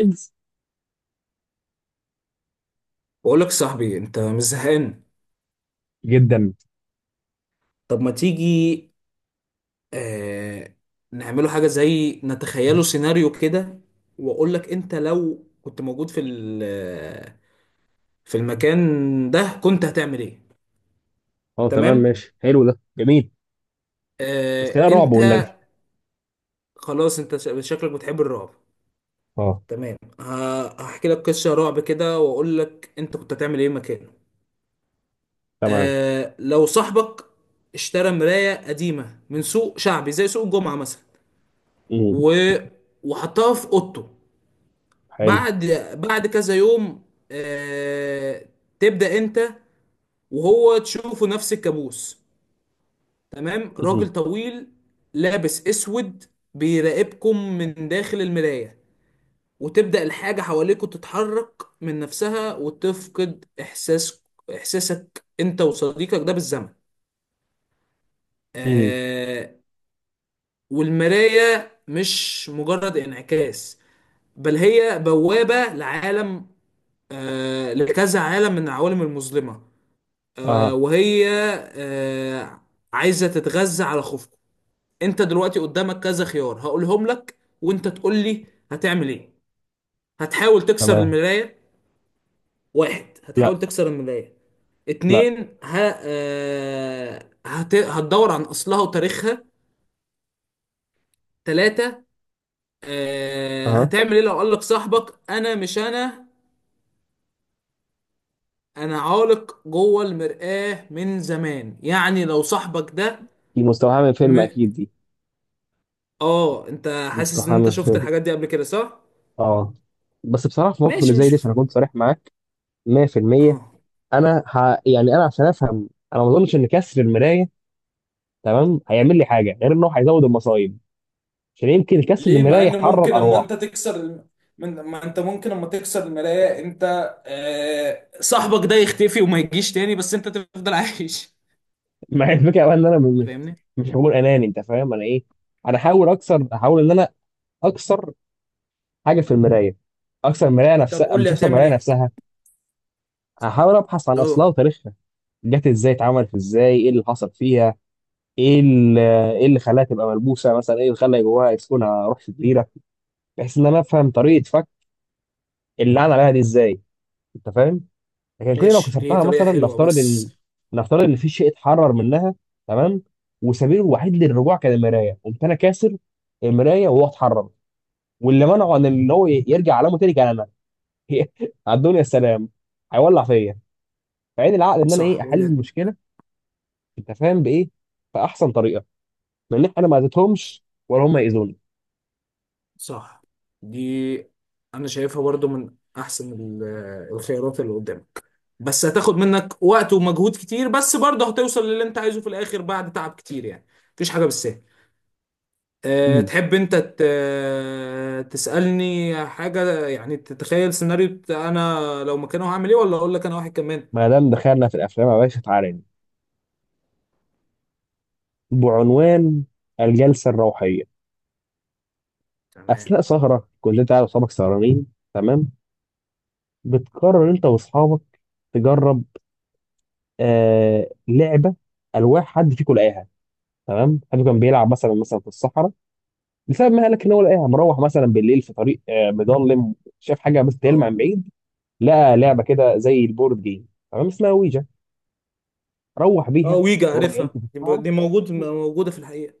إنس. بقول لك صاحبي انت مش زهقان. جدا. طب ما تيجي. آه نعمله حاجه زي نتخيله سيناريو كده. واقول لك انت لو كنت موجود في المكان ده كنت هتعمل ايه؟ اه، تمام تمام. ماشي، حلو ده جميل. بس آه خلينا رعب انت والنبي. خلاص انت شكلك بتحب الرعب. اه، تمام، هحكي لك قصه رعب كده واقول لك انت كنت هتعمل ايه مكانه. تمام. لو صاحبك اشترى مرايه قديمه من سوق شعبي زي سوق الجمعه مثلا امم و... وحطها في اوضته. حلو. بعد بعد كذا يوم آه... تبدأ انت وهو تشوفه نفس الكابوس. تمام، راجل امم طويل لابس اسود بيراقبكم من داخل المراية، وتبدأ الحاجة حواليكوا تتحرك من نفسها وتفقد إحساسك أنت وصديقك ده بالزمن. امم آه والمراية مش مجرد انعكاس، بل هي بوابة لعالم، لكذا عالم من العوالم المظلمة، آه، اه، وهي آه، عايزة تتغذى على خوفكم. انت دلوقتي قدامك كذا خيار هقولهم لك وانت تقول لي هتعمل ايه. هتحاول تكسر تمام. المراية. واحد، لا، هتحاول تكسر المراية. لا. اتنين، هتدور عن اصلها وتاريخها. تلاتة، اه. هتعمل ايه لو قالك صاحبك انا مش انا، انا عالق جوه المرآة من زمان. يعني لو صاحبك ده دي مستوحاه من فيلم م... اكيد دي، اه، انت حاسس ان مستوحاه انت من شفت فيلم. الحاجات دي قبل كده صح؟ اه بس بصراحه في موقف اللي ماشي، زي مش ده، عشان اكون صريح معاك 100%، اه، انا يعني انا عشان افهم، انا ما اظنش ان كسر المرايه، تمام، هيعمل لي حاجه غير انه هيزود المصايب، عشان يمكن كسر ليه مع المرايه ان يحرر ممكن اما انت ارواح. تكسر ما انت ممكن اما تكسر المراية انت صاحبك ده يختفي وما يجيش تاني بس انت تفضل عايش. مع الفكره بقى ان انا فاهمني؟ مش هقول اناني، انت فاهم انا ايه. انا احاول ان انا اكسر حاجه في المرايه، اكسر المرايه طب نفسها، قول مش لي اكسر هتعمل المرايه ايه. نفسها. احاول ابحث عن اصلها اه، وتاريخها، جت ازاي، اتعملت ازاي، ايه اللي حصل فيها، ايه اللي ايه اللي خلاها تبقى ملبوسه مثلا، ايه اللي خلى جواها يسكنها روح شريره، بحيث ان انا افهم طريقه فك اللي عن عليها دي ازاي، انت فاهم؟ لكن كل لو ماشي، دي كسرتها، طريقة مثلا، حلوة بس. نفترض ان في شيء اتحرر منها، تمام، وسبيله الوحيد للرجوع كان المرايه، قمت انا كاسر المرايه وهو اتحرر، واللي منعه عن ان هو يرجع علامه تاني كان انا. على الدنيا السلام، هيولع فيا. فعين العقل ان انا ايه، صح، احل وجهة. المشكله، انت فاهم بايه، باحسن طريقه، لان انا ما اذيتهمش ولا هم ياذوني. صح، دي انا شايفها برضو من احسن الخيارات اللي قدامك. بس هتاخد منك وقت ومجهود كتير، بس برضه هتوصل للي انت عايزه في الاخر بعد تعب كتير يعني. مفيش حاجه بالسهل. أه مم. تحب انت ت- آه، تسالني حاجه، يعني تتخيل سيناريو انا لو مكانه هعمل ايه، ولا اقول لك انا واحد كمان؟ ما دام دخلنا في الافلام يا باشا، تعالى، بعنوان الجلسه الروحيه. تمام. اثناء سهره، كلنا تعالى وصحابك سهرانين، تمام، بتقرر انت واصحابك تجرب لعبه الواح حد فيكم لقاها. تمام، حد كان بيلعب مثلا، في الصحراء، بسبب ما قالك ان هو لقاها، مروح مثلا بالليل في طريق مظلم، شاف حاجه بس تلمع اه. من بعيد، لقى لعبه كده زي البورد جيم، تمام، اسمها ويجا، روح اه، بيها. ويجا وهو جاي في عارفها دي، الصحراء، دي موجوده في الحقيقه.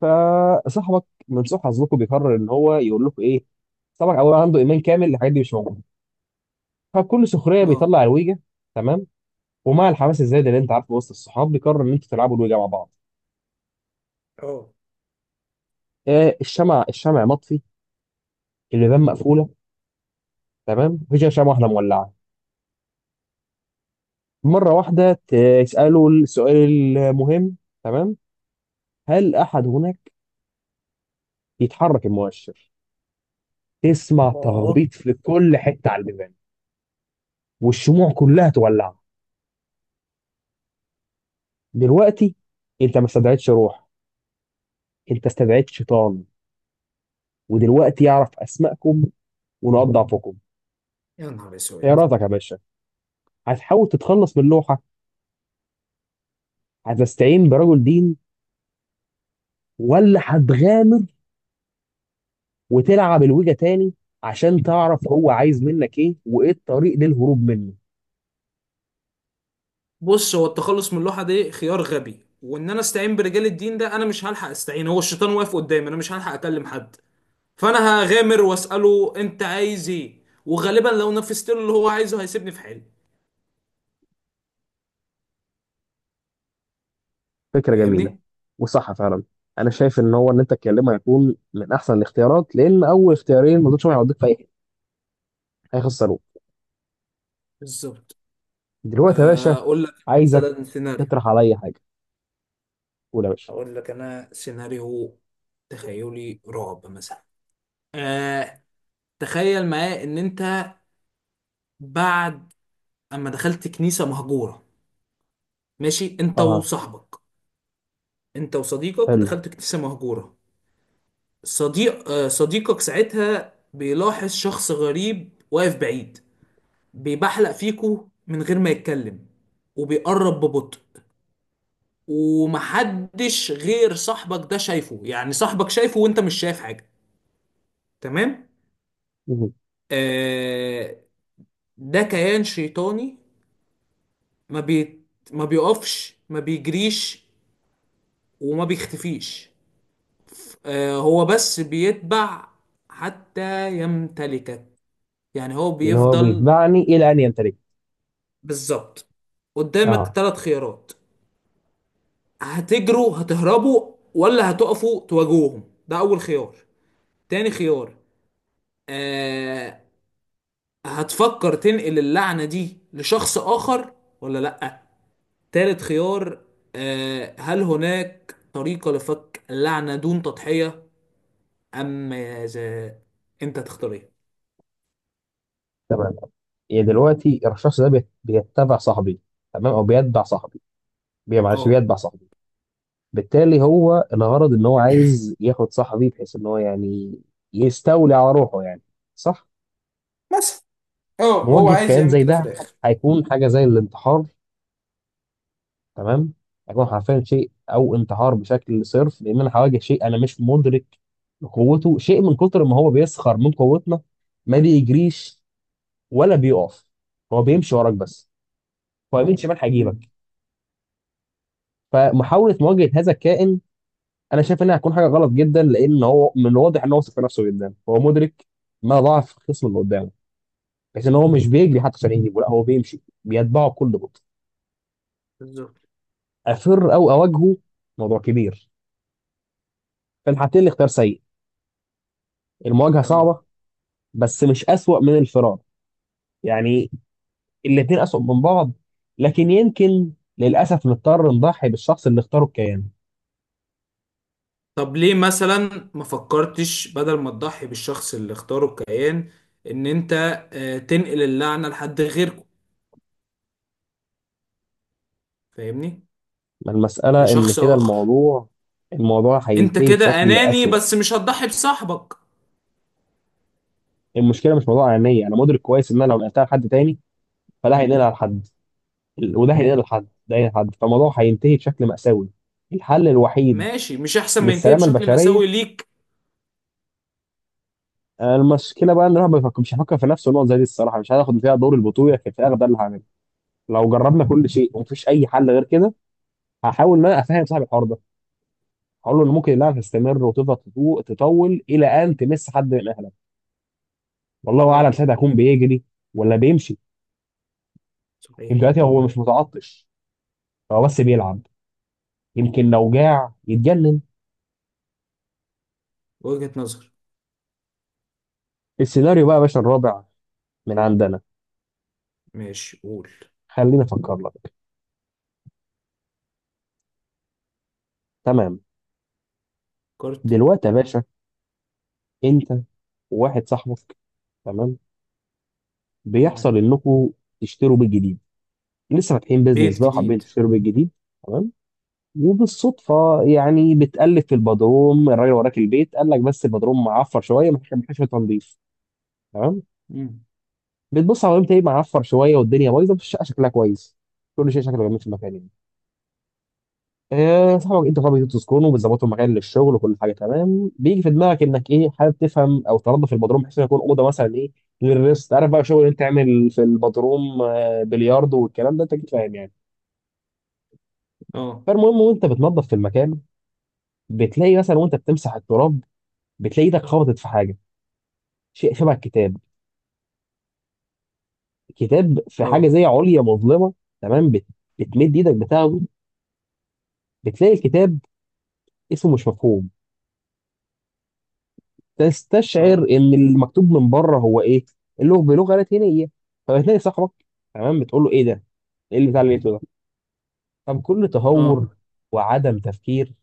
فصاحبك من سوء حظكم بيقرر ان هو يقول لكم ايه. صاحبك اول عنده ايمان كامل الحاجات دي مش موجوده، فبكل سخريه اه. بيطلع الويجا. تمام، ومع الحماس الزايد اللي انت عارفه وسط الصحاب، بيقرر ان انتوا تلعبوا الوجه مع بعض. اه. الشمع، الشمع مطفي، البيبان مقفوله، تمام، مفيش غير شمعه واحده مولعه، مره واحده، تساله السؤال المهم، تمام، هل احد هناك؟ يتحرك المؤشر، تسمع اه، تخبيط في كل حته على البيبان والشموع كلها تولع. دلوقتي انت ما استدعيتش روح، انت استدعيت شيطان، ودلوقتي يعرف اسمائكم ونقاط ضعفكم. يا نهار ايه اسود. رايك يا باشا؟ هتحاول تتخلص من اللوحه، هتستعين برجل دين، ولا هتغامر وتلعب الويجا تاني عشان تعرف هو عايز منك ايه وايه الطريق للهروب منه؟ بص، هو التخلص من اللوحه دي خيار غبي، وان انا استعين برجال الدين ده انا مش هلحق استعين، هو الشيطان واقف قدامي انا مش هلحق اكلم حد. فانا هغامر واساله انت عايز ايه، وغالبا لو نفذت له اللي هو عايزه هيسيبني في حالي. فكرة جميلة، فاهمني؟ وصح فعلا. انا شايف ان هو ان انت تكلمه هيكون من احسن الاختيارات، لان اول اختيارين ما دولش هيوديك في اي حته، هيخسروك. بالظبط. دلوقتي يا باشا اقول لك عايزك مثلا سيناريو. تطرح عليا حاجه، قول يا باشا. اقول لك انا سيناريو. تخيلي رعب مثلا. آه تخيل معايا ان انت بعد اما دخلت كنيسة مهجورة. ماشي، انت اه. وصاحبك. انت وصديقك حلو. دخلت كنيسة مهجورة. صديقك ساعتها بيلاحظ شخص غريب واقف بعيد بيبحلق فيكو من غير ما يتكلم، وبيقرب ببطء، ومحدش غير صاحبك ده شايفه. يعني صاحبك شايفه وانت مش شايف حاجة. تمام. مم. آه ده كيان شيطاني. ما بي ما بيقفش، ما بيجريش، وما بيختفيش. هو بس بيتبع حتى يمتلكك. يعني هو يعني هو بيفضل. بيتبعني الى ان يمتلك. بالظبط. قدامك اه، ثلاث خيارات. هتجروا، هتهربوا، ولا هتقفوا تواجهوهم، ده اول خيار. تاني خيار: آه هتفكر تنقل اللعنة دي لشخص اخر ولا لا. تالت خيار: هل هناك طريقة لفك اللعنة دون تضحية ام ماذا؟ انت تختار ايه؟ تمام. يعني دلوقتي الشخص ده بيتبع صاحبي، تمام، او بيتبع صاحبي، معلش، اه، بيتبع صاحبي. بالتالي هو الغرض ان هو عايز ياخد صاحبي، بحيث ان هو يعني يستولي على روحه يعني، صح؟ مثلا. اه، هو مواجهة عايز كيان يعمل زي كده في ده الاخر. هيكون حاجة زي الانتحار، تمام، هيكون حرفيا شيء او انتحار بشكل صرف، لان انا هواجه شيء انا مش مدرك لقوته، شيء من كتر ما هو بيسخر من قوتنا، ما بيجريش ولا بيقف، هو بيمشي وراك بس، هو يمين شمال امم. هيجيبك. فمحاولة مواجهة هذا الكائن انا شايف انها هتكون حاجه غلط جدا، لان هو من الواضح ان هو واثق في نفسه جدا، هو مدرك ما ضعف الخصم اللي قدامه، بحيث ان هو مش بيجري حتى عشان يجيبه، لا هو بيمشي بيتبعه بكل بطء. بالظبط. افر او اواجهه، موضوع كبير، في الحالتين الاختيار سيء. المواجهه اه، صعبه بس مش اسوأ من الفرار، يعني الاثنين اسوأ من بعض. لكن يمكن للاسف نضطر نضحي بالشخص اللي اختاره كيان. طب ليه مثلا ما فكرتش بدل ما تضحي بالشخص اللي اختاره الكيان، ان انت تنقل اللعنة لحد غيركم. فاهمني؟ ما المساله ان لشخص كده، اخر. الموضوع، الموضوع انت هينتهي كده بشكل اناني اسوأ. بس مش هتضحي بصاحبك. المشكله مش موضوع عينيا، انا مدرك كويس ان انا لو نقلتها لحد تاني فده هينقلها لحد وده هينقلها لحد، ده هينقلها لحد، فالموضوع هينتهي بشكل مأساوي. الحل الوحيد ماشي، مش احسن ما ينتهي للسلامة بشكل البشرية، مأساوي ليك. المشكلة بقى ان الواحد ما مش هيفكر في نفسه نقط زي دي الصراحة، مش هياخد فيها دور البطولة، في الفراغ ده اللي هعمله. لو جربنا كل شيء ومفيش أي حل غير كده، هحاول ان انا افهم صاحب الحوار ده، هقول له ان ممكن اللعبة تستمر وتفضل تطول إلى أن تمس حد من أهلك، والله أعلم اه، ساعتها هيكون بيجري ولا بيمشي. صحيح. دلوقتي هو مش متعطش، هو بس بيلعب، يمكن لو جاع يتجنن. وجهة نظر. السيناريو بقى يا باشا الرابع من عندنا، ماشي، قول. خليني افكر لك. تمام، كارت. دلوقتي يا باشا، انت وواحد صاحبك، تمام، تمام، بيحصل انكم تشتروا بيت جديد، لسه فاتحين بيزنس بيت بقى وحابين جديد. تشتروا بيت جديد. تمام، وبالصدفه، يعني بتقلب في البدروم، الراجل وراك البيت قال لك بس البدروم معفر شويه، محتاج، شوية تنظيف. تمام، مم. بتبص على البيت، ايه، معفر شويه والدنيا بايظه بس الشقه شكلها كويس، كل شيء شكله جميل في المكان يعني. صاحبك انتوا خلاص بتدوا سكون وبتظبطوا مكان للشغل وكل حاجه تمام، بيجي في دماغك انك ايه، حابب تفهم او تنظف البدروم بحيث انه يكون اوضه مثلا، ايه، للريست، عارف بقى، شغل انت تعمل في البدروم، بلياردو والكلام ده، انت اكيد فاهم يعني. اه. فالمهم، وانت بتنظف في المكان بتلاقي، مثلا وانت بتمسح التراب بتلاقي ايدك خبطت في حاجه، شيء شبه الكتاب، كتاب في حاجه اه. زي عليا مظلمه، تمام، بتمد ايدك بتاخده، بتلاقي الكتاب اسمه مش مفهوم، تستشعر اه. ان المكتوب من بره هو ايه، اللغه بلغه لاتينيه. فبتلاقي صاحبك، تمام، بتقول له ايه ده، ايه اللي بتاع اللي لقيته ده. طب كل اه. تهور وعدم تفكير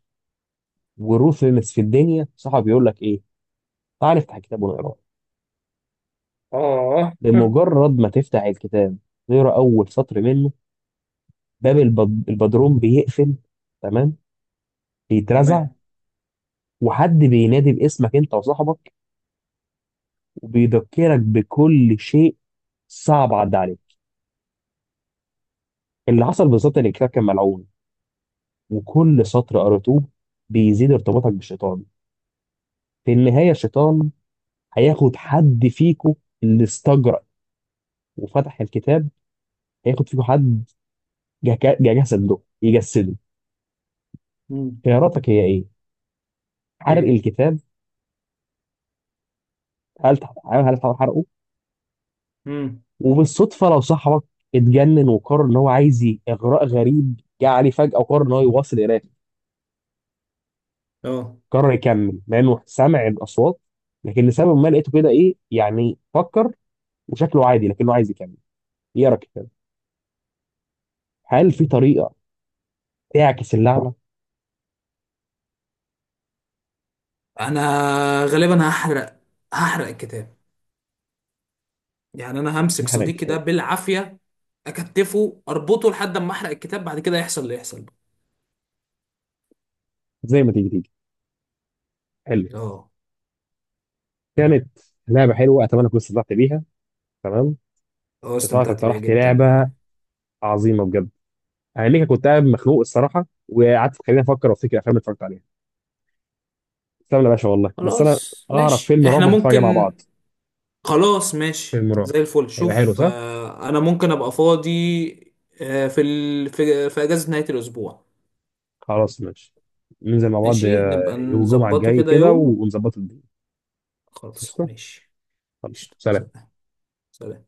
وروثلس في الدنيا، صاحبك بيقول لك ايه؟ تعال افتح الكتاب ونقراه. اه. بمجرد ما تفتح الكتاب، تقرا اول سطر منه، باب البدروم بيقفل، تمام، بيترزع، تمام. وحد بينادي باسمك انت وصاحبك وبيذكرك بكل شيء صعب عدى عليك. اللي حصل بالظبط ان الكتاب كان ملعون، وكل سطر قريتوه بيزيد ارتباطك بالشيطان، في النهاية الشيطان هياخد حد فيكو اللي استجرأ وفتح الكتاب، هياخد فيكو حد، جسده يجسده. مم. خياراتك هي ايه؟ حرق ايه. الكتاب، هل هل تحاول حرقه؟ مم. وبالصدفة لو صاحبك اتجنن وقرر ان هو عايز اغراء غريب جه عليه فجأة وقرر ان هو يواصل قراءته، اه، قرر يكمل مع انه سمع الاصوات، لكن لسبب ما لقيته كده ايه يعني، فكر وشكله عادي لكنه عايز يكمل يقرا الكتاب، هل في طريقة تعكس اللعنه، انا غالبا هحرق، هحرق الكتاب. يعني انا همسك انحراء صديقي ده الكتاب؟ بالعافيه اكتفه اربطه لحد اما احرق الكتاب، بعد كده يحصل اللي يحصل بقى. زي ما تيجي تيجي، حلو. اه. كانت لعبه حلوه، اتمنى كنت استمتعت بيها، تمام. اه، صراحه استمتعت بيها اقترحت جدا لعبه يعني. عظيمه بجد، انا ليك كنت قاعد مخنوق الصراحه وقعدت خليني افكر وافتكر افلام اللي اتفرجت عليها. استنى يا باشا، والله بس انا خلاص اعرف ماشي فيلم رعب احنا ممكن نتفرج عليه مع ممكن. بعض، خلاص ماشي فيلم رعب، زي الفل. هيبقى حلو شوف، صح؟ انا ممكن ابقى فاضي آه، في ال... في في اجازه نهايه الاسبوع. خلاص ماشي، ننزل مع بعض، ماشي، نبقى يوم الجمعه نظبطه الجاي كده كده، يوم. ونظبط الدنيا. خلاص قشطه، ماشي. خلاص، قشطة. سلام. سلام. سلام.